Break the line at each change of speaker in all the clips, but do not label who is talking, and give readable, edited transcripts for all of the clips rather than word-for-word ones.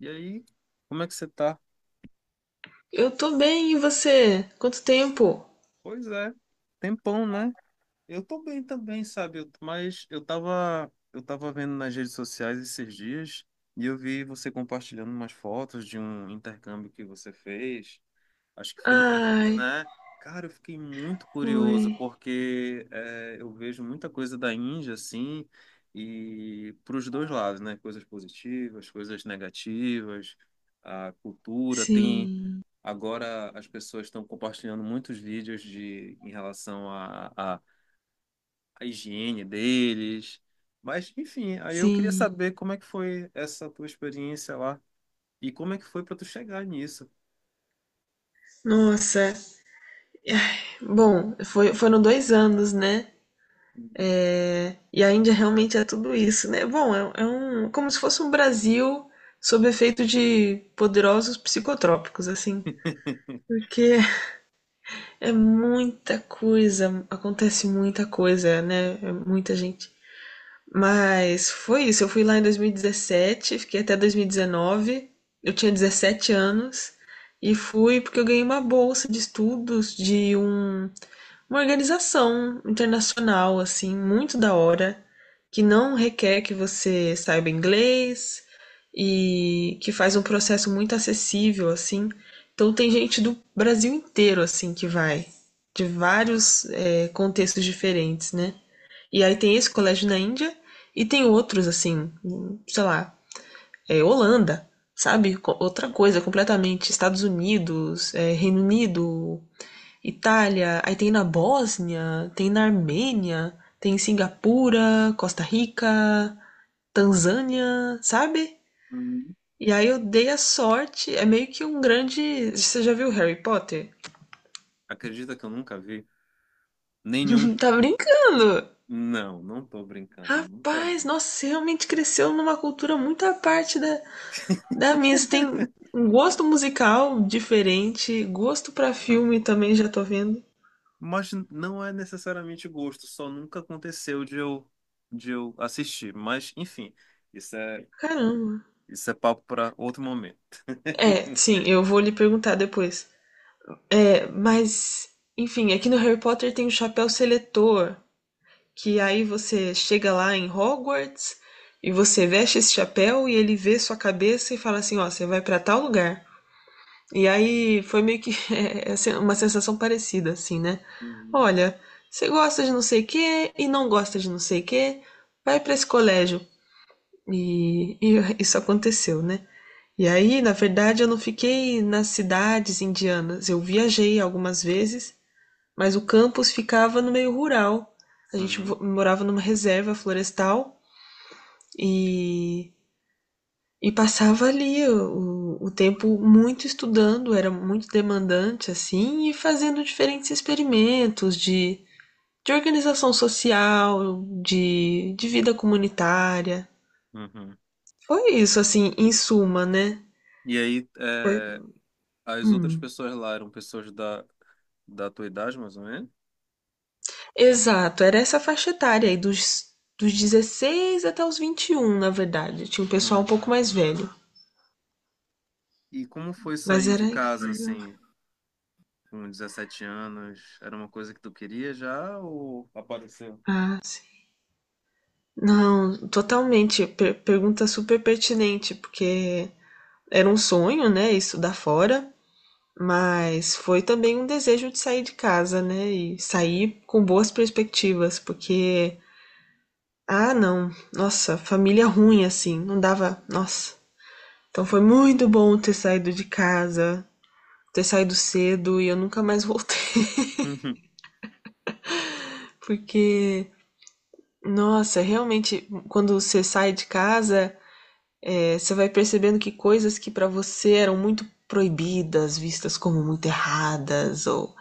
E aí, como é que você tá?
Eu tô bem, e você? Quanto tempo?
Pois é, tempão, né? Eu tô bem também, sabe? Mas eu tava vendo nas redes sociais esses dias e eu vi você compartilhando umas fotos de um intercâmbio que você fez. Acho que foi na Índia,
Ai,
né? Cara, eu fiquei muito curioso
foi.
porque eu vejo muita coisa da Índia, assim, e pros dois lados, né? Coisas positivas, coisas negativas, a cultura tem.
Sim,
Agora as pessoas estão compartilhando muitos vídeos de, em relação à higiene deles. Mas, enfim, aí eu queria
sim.
saber como é que foi essa tua experiência lá e como é que foi para tu chegar nisso.
Nossa. Ai, bom, foi, foram dois anos, né?
Uhum.
É, e a Índia realmente é tudo isso, né? Bom, é um, como se fosse um Brasil sob efeito de poderosos psicotrópicos, assim. Porque é muita coisa, acontece muita coisa, né? É muita gente. Mas foi isso. Eu fui lá em 2017, fiquei até 2019. Eu tinha 17 anos e fui porque eu ganhei uma bolsa de estudos de uma organização internacional, assim, muito da hora, que não requer que você saiba inglês e que faz um processo muito acessível, assim. Então tem gente do Brasil inteiro, assim, que vai, de vários, contextos diferentes, né? E aí tem esse colégio na Índia e tem outros, assim, sei lá, é, Holanda, sabe? Outra coisa completamente. Estados Unidos, é, Reino Unido, Itália, aí tem na Bósnia, tem na Armênia, tem em Singapura, Costa Rica, Tanzânia, sabe?
Uhum.
E aí eu dei a sorte, é meio que um grande. Você já viu Harry Potter?
Acredita que eu nunca vi? Nenhum.
Tá brincando?
Não, não tô brincando, eu nunca
Rapaz,
vi.
nossa, você realmente cresceu numa cultura muito à parte da, Davi, você tem um gosto musical diferente, gosto pra
Hum.
filme também já tô vendo.
Mas não é necessariamente gosto, só nunca aconteceu de eu assistir. Mas, enfim, isso é
Caramba.
isso é papo para outro momento.
É, sim, eu vou lhe perguntar depois. É, mas, enfim, aqui no Harry Potter tem o chapéu seletor, que aí você chega lá em Hogwarts e você veste esse chapéu e ele vê sua cabeça e fala assim, ó, você vai pra tal lugar. E aí foi meio que é, assim, uma sensação parecida, assim, né?
Uhum.
Olha, você gosta de não sei o quê e não gosta de não sei o quê, vai para esse colégio. E isso aconteceu, né? E aí, na verdade, eu não fiquei nas cidades indianas. Eu viajei algumas vezes, mas o campus ficava no meio rural. A gente
Uhum,
morava numa reserva florestal e e passava ali o tempo muito estudando, era muito demandante, assim, e fazendo diferentes experimentos de organização social, de vida comunitária.
uhum.
Foi isso, assim, em suma, né?
E aí,
Foi.
as outras
Hum.
pessoas lá eram pessoas da tua idade, mais ou menos?
Exato, era essa faixa etária aí, dos 16 até os 21, na verdade. Tinha um pessoal um pouco
Uhum.
mais velho.
E como foi
Mas
sair de
era
casa,
incrível.
assim, com 17 anos? Era uma coisa que tu queria já ou apareceu?
Ah, sim. Não, totalmente. Pergunta super pertinente, porque era um sonho, né, estudar fora, mas foi também um desejo de sair de casa, né, e sair com boas perspectivas, porque ah, não, nossa, família ruim assim, não dava, nossa. Então foi muito bom ter saído de casa, ter saído cedo e eu nunca
Uhum,
mais voltei, porque nossa, realmente quando você sai de casa, é, você vai percebendo que coisas que para você eram muito proibidas, vistas como muito erradas, ou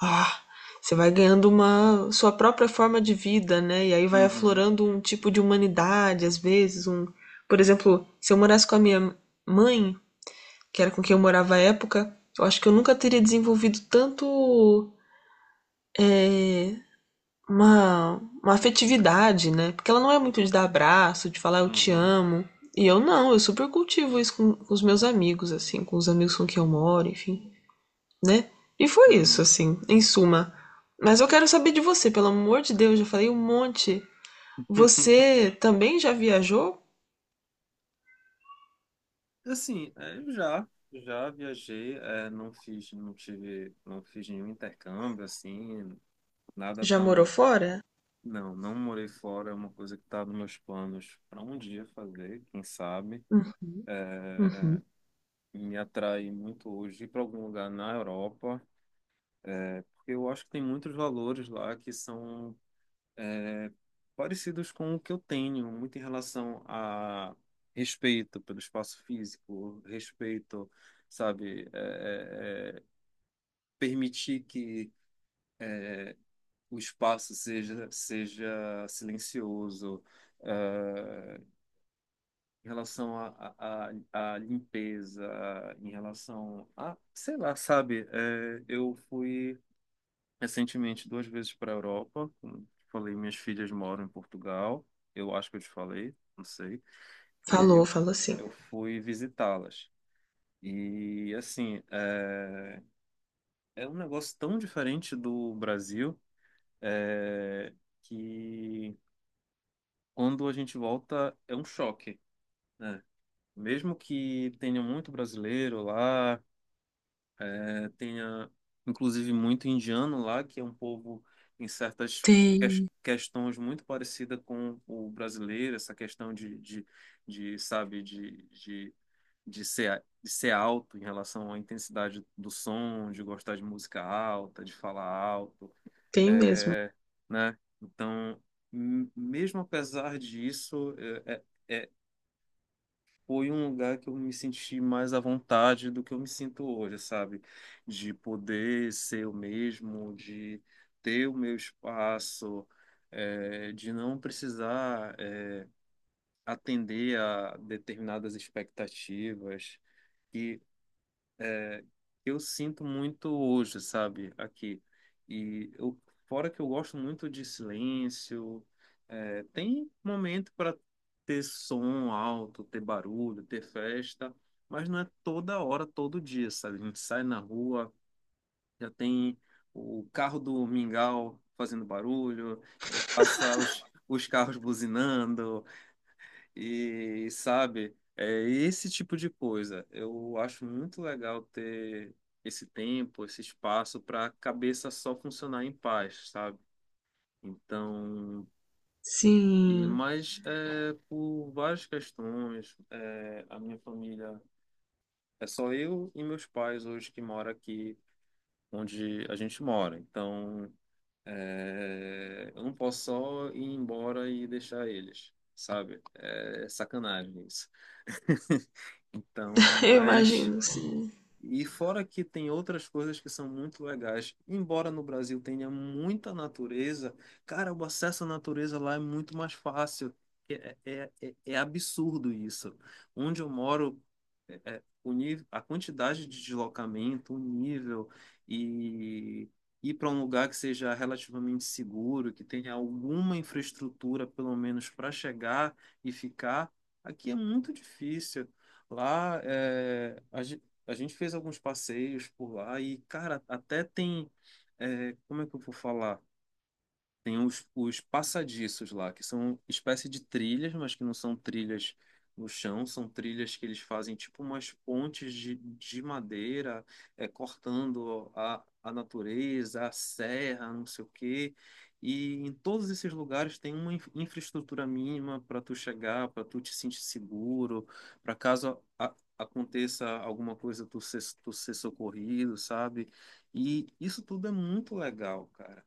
ah, você vai ganhando uma sua própria forma de vida, né? E aí vai
uhum,
aflorando um tipo de humanidade, às vezes, um, por exemplo, se eu morasse com a minha mãe, que era com quem eu morava à época, eu acho que eu nunca teria desenvolvido tanto é, uma, uma afetividade, né? Porque ela não é muito de dar abraço, de falar eu te
uhum,
amo. E eu não, eu super cultivo isso com os meus amigos, assim, com os amigos com quem eu moro, enfim, né? E foi isso,
uhum.
assim, em suma. Mas eu quero saber de você, pelo amor de Deus, já falei um monte. Você também já viajou?
Assim, eu já viajei, não fiz, não tive, não fiz nenhum intercâmbio, assim, nada
Já morou
tão.
fora?
Não, não morei fora, é uma coisa que está nos meus planos para um dia fazer, quem sabe.
Hum. Uhum.
Me atrai muito hoje ir para algum lugar na Europa, porque eu acho que tem muitos valores lá que são é, parecidos com o que eu tenho, muito em relação a respeito pelo espaço físico, respeito, sabe, permitir que o espaço seja silencioso é, em relação à limpeza, em relação a, sei lá, sabe? É, eu fui recentemente duas vezes para a Europa, como falei, minhas filhas moram em Portugal, eu acho que eu te falei, não sei, e aí
Falou, falou sim.
eu fui visitá-las. E assim, é um negócio tão diferente do Brasil, é, que quando a gente volta é um choque, né? Mesmo que tenha muito brasileiro lá, tenha inclusive muito indiano lá, que é um povo em certas
Tem,
questões muito parecida com o brasileiro, essa questão de, sabe, de ser alto em relação à intensidade do som, de gostar de música alta, de falar alto,
tem mesmo.
é, né? Então, mesmo apesar disso, foi um lugar que eu me senti mais à vontade do que eu me sinto hoje, sabe? De poder ser eu mesmo, de ter o meu espaço, de não precisar, atender a determinadas expectativas. E eu sinto muito hoje, sabe, aqui. E eu, Fora que eu gosto muito de silêncio, tem momento para ter som alto, ter barulho, ter festa, mas não é toda hora, todo dia, sabe? A gente sai na rua, já tem o carro do mingau fazendo barulho, passa os carros buzinando, e, sabe, é esse tipo de coisa. Eu acho muito legal ter esse tempo, esse espaço para a cabeça só funcionar em paz, sabe? Então,
Sim,
mas por várias questões, a minha família é só eu e meus pais hoje que mora aqui onde a gente mora. Então, eu não posso só ir embora e deixar eles, sabe? É sacanagem isso. Então,
eu
mas.
imagino, sim.
E fora que tem outras coisas que são muito legais. Embora no Brasil tenha muita natureza, cara, o acesso à natureza lá é muito mais fácil. É absurdo isso. Onde eu moro, o nível, a quantidade de deslocamento, o nível e ir para um lugar que seja relativamente seguro, que tenha alguma infraestrutura, pelo menos para chegar e ficar, aqui é muito difícil. Lá, a gente fez alguns passeios por lá e, cara, até tem. Como é que eu vou falar? Tem os passadiços lá, que são espécie de trilhas, mas que não são trilhas no chão, são trilhas que eles fazem tipo umas pontes de madeira, cortando a natureza, a serra, não sei o quê. E em todos esses lugares tem uma infraestrutura mínima para tu chegar, para tu te sentir seguro, para caso aconteça alguma coisa, tu ser socorrido, sabe? E isso tudo é muito legal, cara.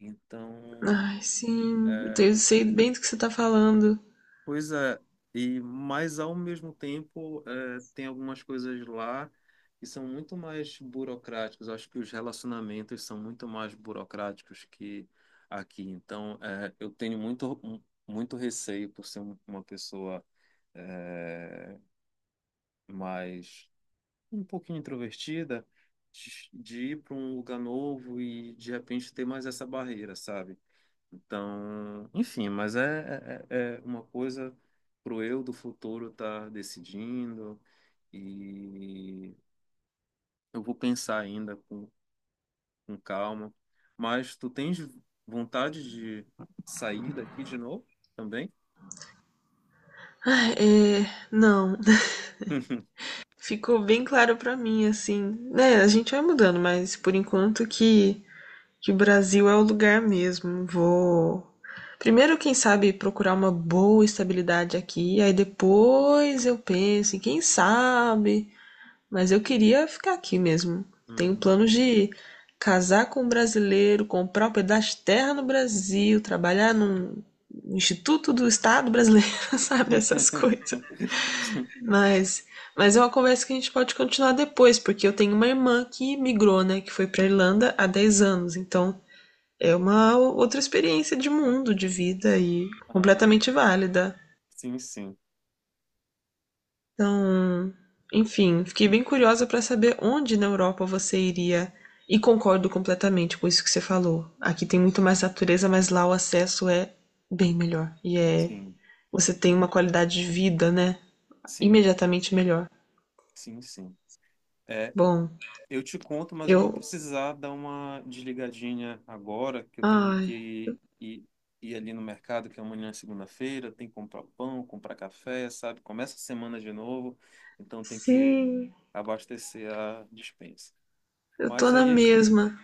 Então,
Ai, sim,
é,
sei bem do que você tá falando.
pois é, mas ao mesmo tempo tem algumas coisas lá que são muito mais burocráticas. Eu acho que os relacionamentos são muito mais burocráticos que aqui. Então eu tenho muito muito receio por ser uma pessoa eh, mais um pouquinho introvertida de ir para um lugar novo e de repente ter mais essa barreira, sabe? Então, enfim, mas é uma coisa pro eu do futuro estar tá decidindo e eu vou pensar ainda com calma. Mas tu tens vontade de sair daqui de novo também?
É, não. Ficou bem claro pra mim, assim. Né, a gente vai mudando, mas por enquanto que o Brasil é o lugar mesmo. Vou. Primeiro, quem sabe, procurar uma boa estabilidade aqui, aí depois eu penso em quem sabe. Mas eu queria ficar aqui mesmo. Tenho
Uhum.
planos de casar com um brasileiro, comprar um pedaço de terra no Brasil, trabalhar num Instituto do Estado brasileiro, sabe? Essas coisas. Mas, mas é uma conversa que a gente pode continuar depois, porque eu tenho uma irmã que migrou, né, que foi para Irlanda há 10 anos, então é uma outra experiência de mundo, de vida e
Aham.
completamente válida.
Sim, sim,
Então, enfim, fiquei bem curiosa para saber onde na Europa você iria e concordo completamente com isso que você falou. Aqui tem muito mais natureza, mas lá o acesso é bem melhor e é
sim,
você tem uma qualidade de vida, né,
sim,
imediatamente melhor.
sim, sim. É,
Bom,
eu te conto, mas eu vou
eu
precisar dar uma desligadinha agora, que eu tenho
ai,
que ir ali no mercado, que amanhã é segunda-feira, tem que comprar pão, comprar café, sabe? Começa a semana de novo, então tem que
sim,
abastecer a despensa.
eu tô
Mas
na
aí,
mesma.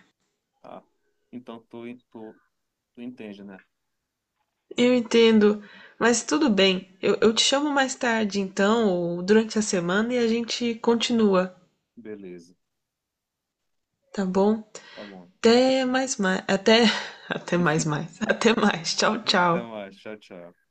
ah, então tu, tu entende, né?
Eu entendo. Mas tudo bem. Eu te chamo mais tarde, então, ou durante a semana, e a gente continua,
Beleza,
tá bom?
tá bom.
Até mais mais. Até. Até mais mais. Até mais. Tchau, tchau.
Então, ah, tchau, tchau.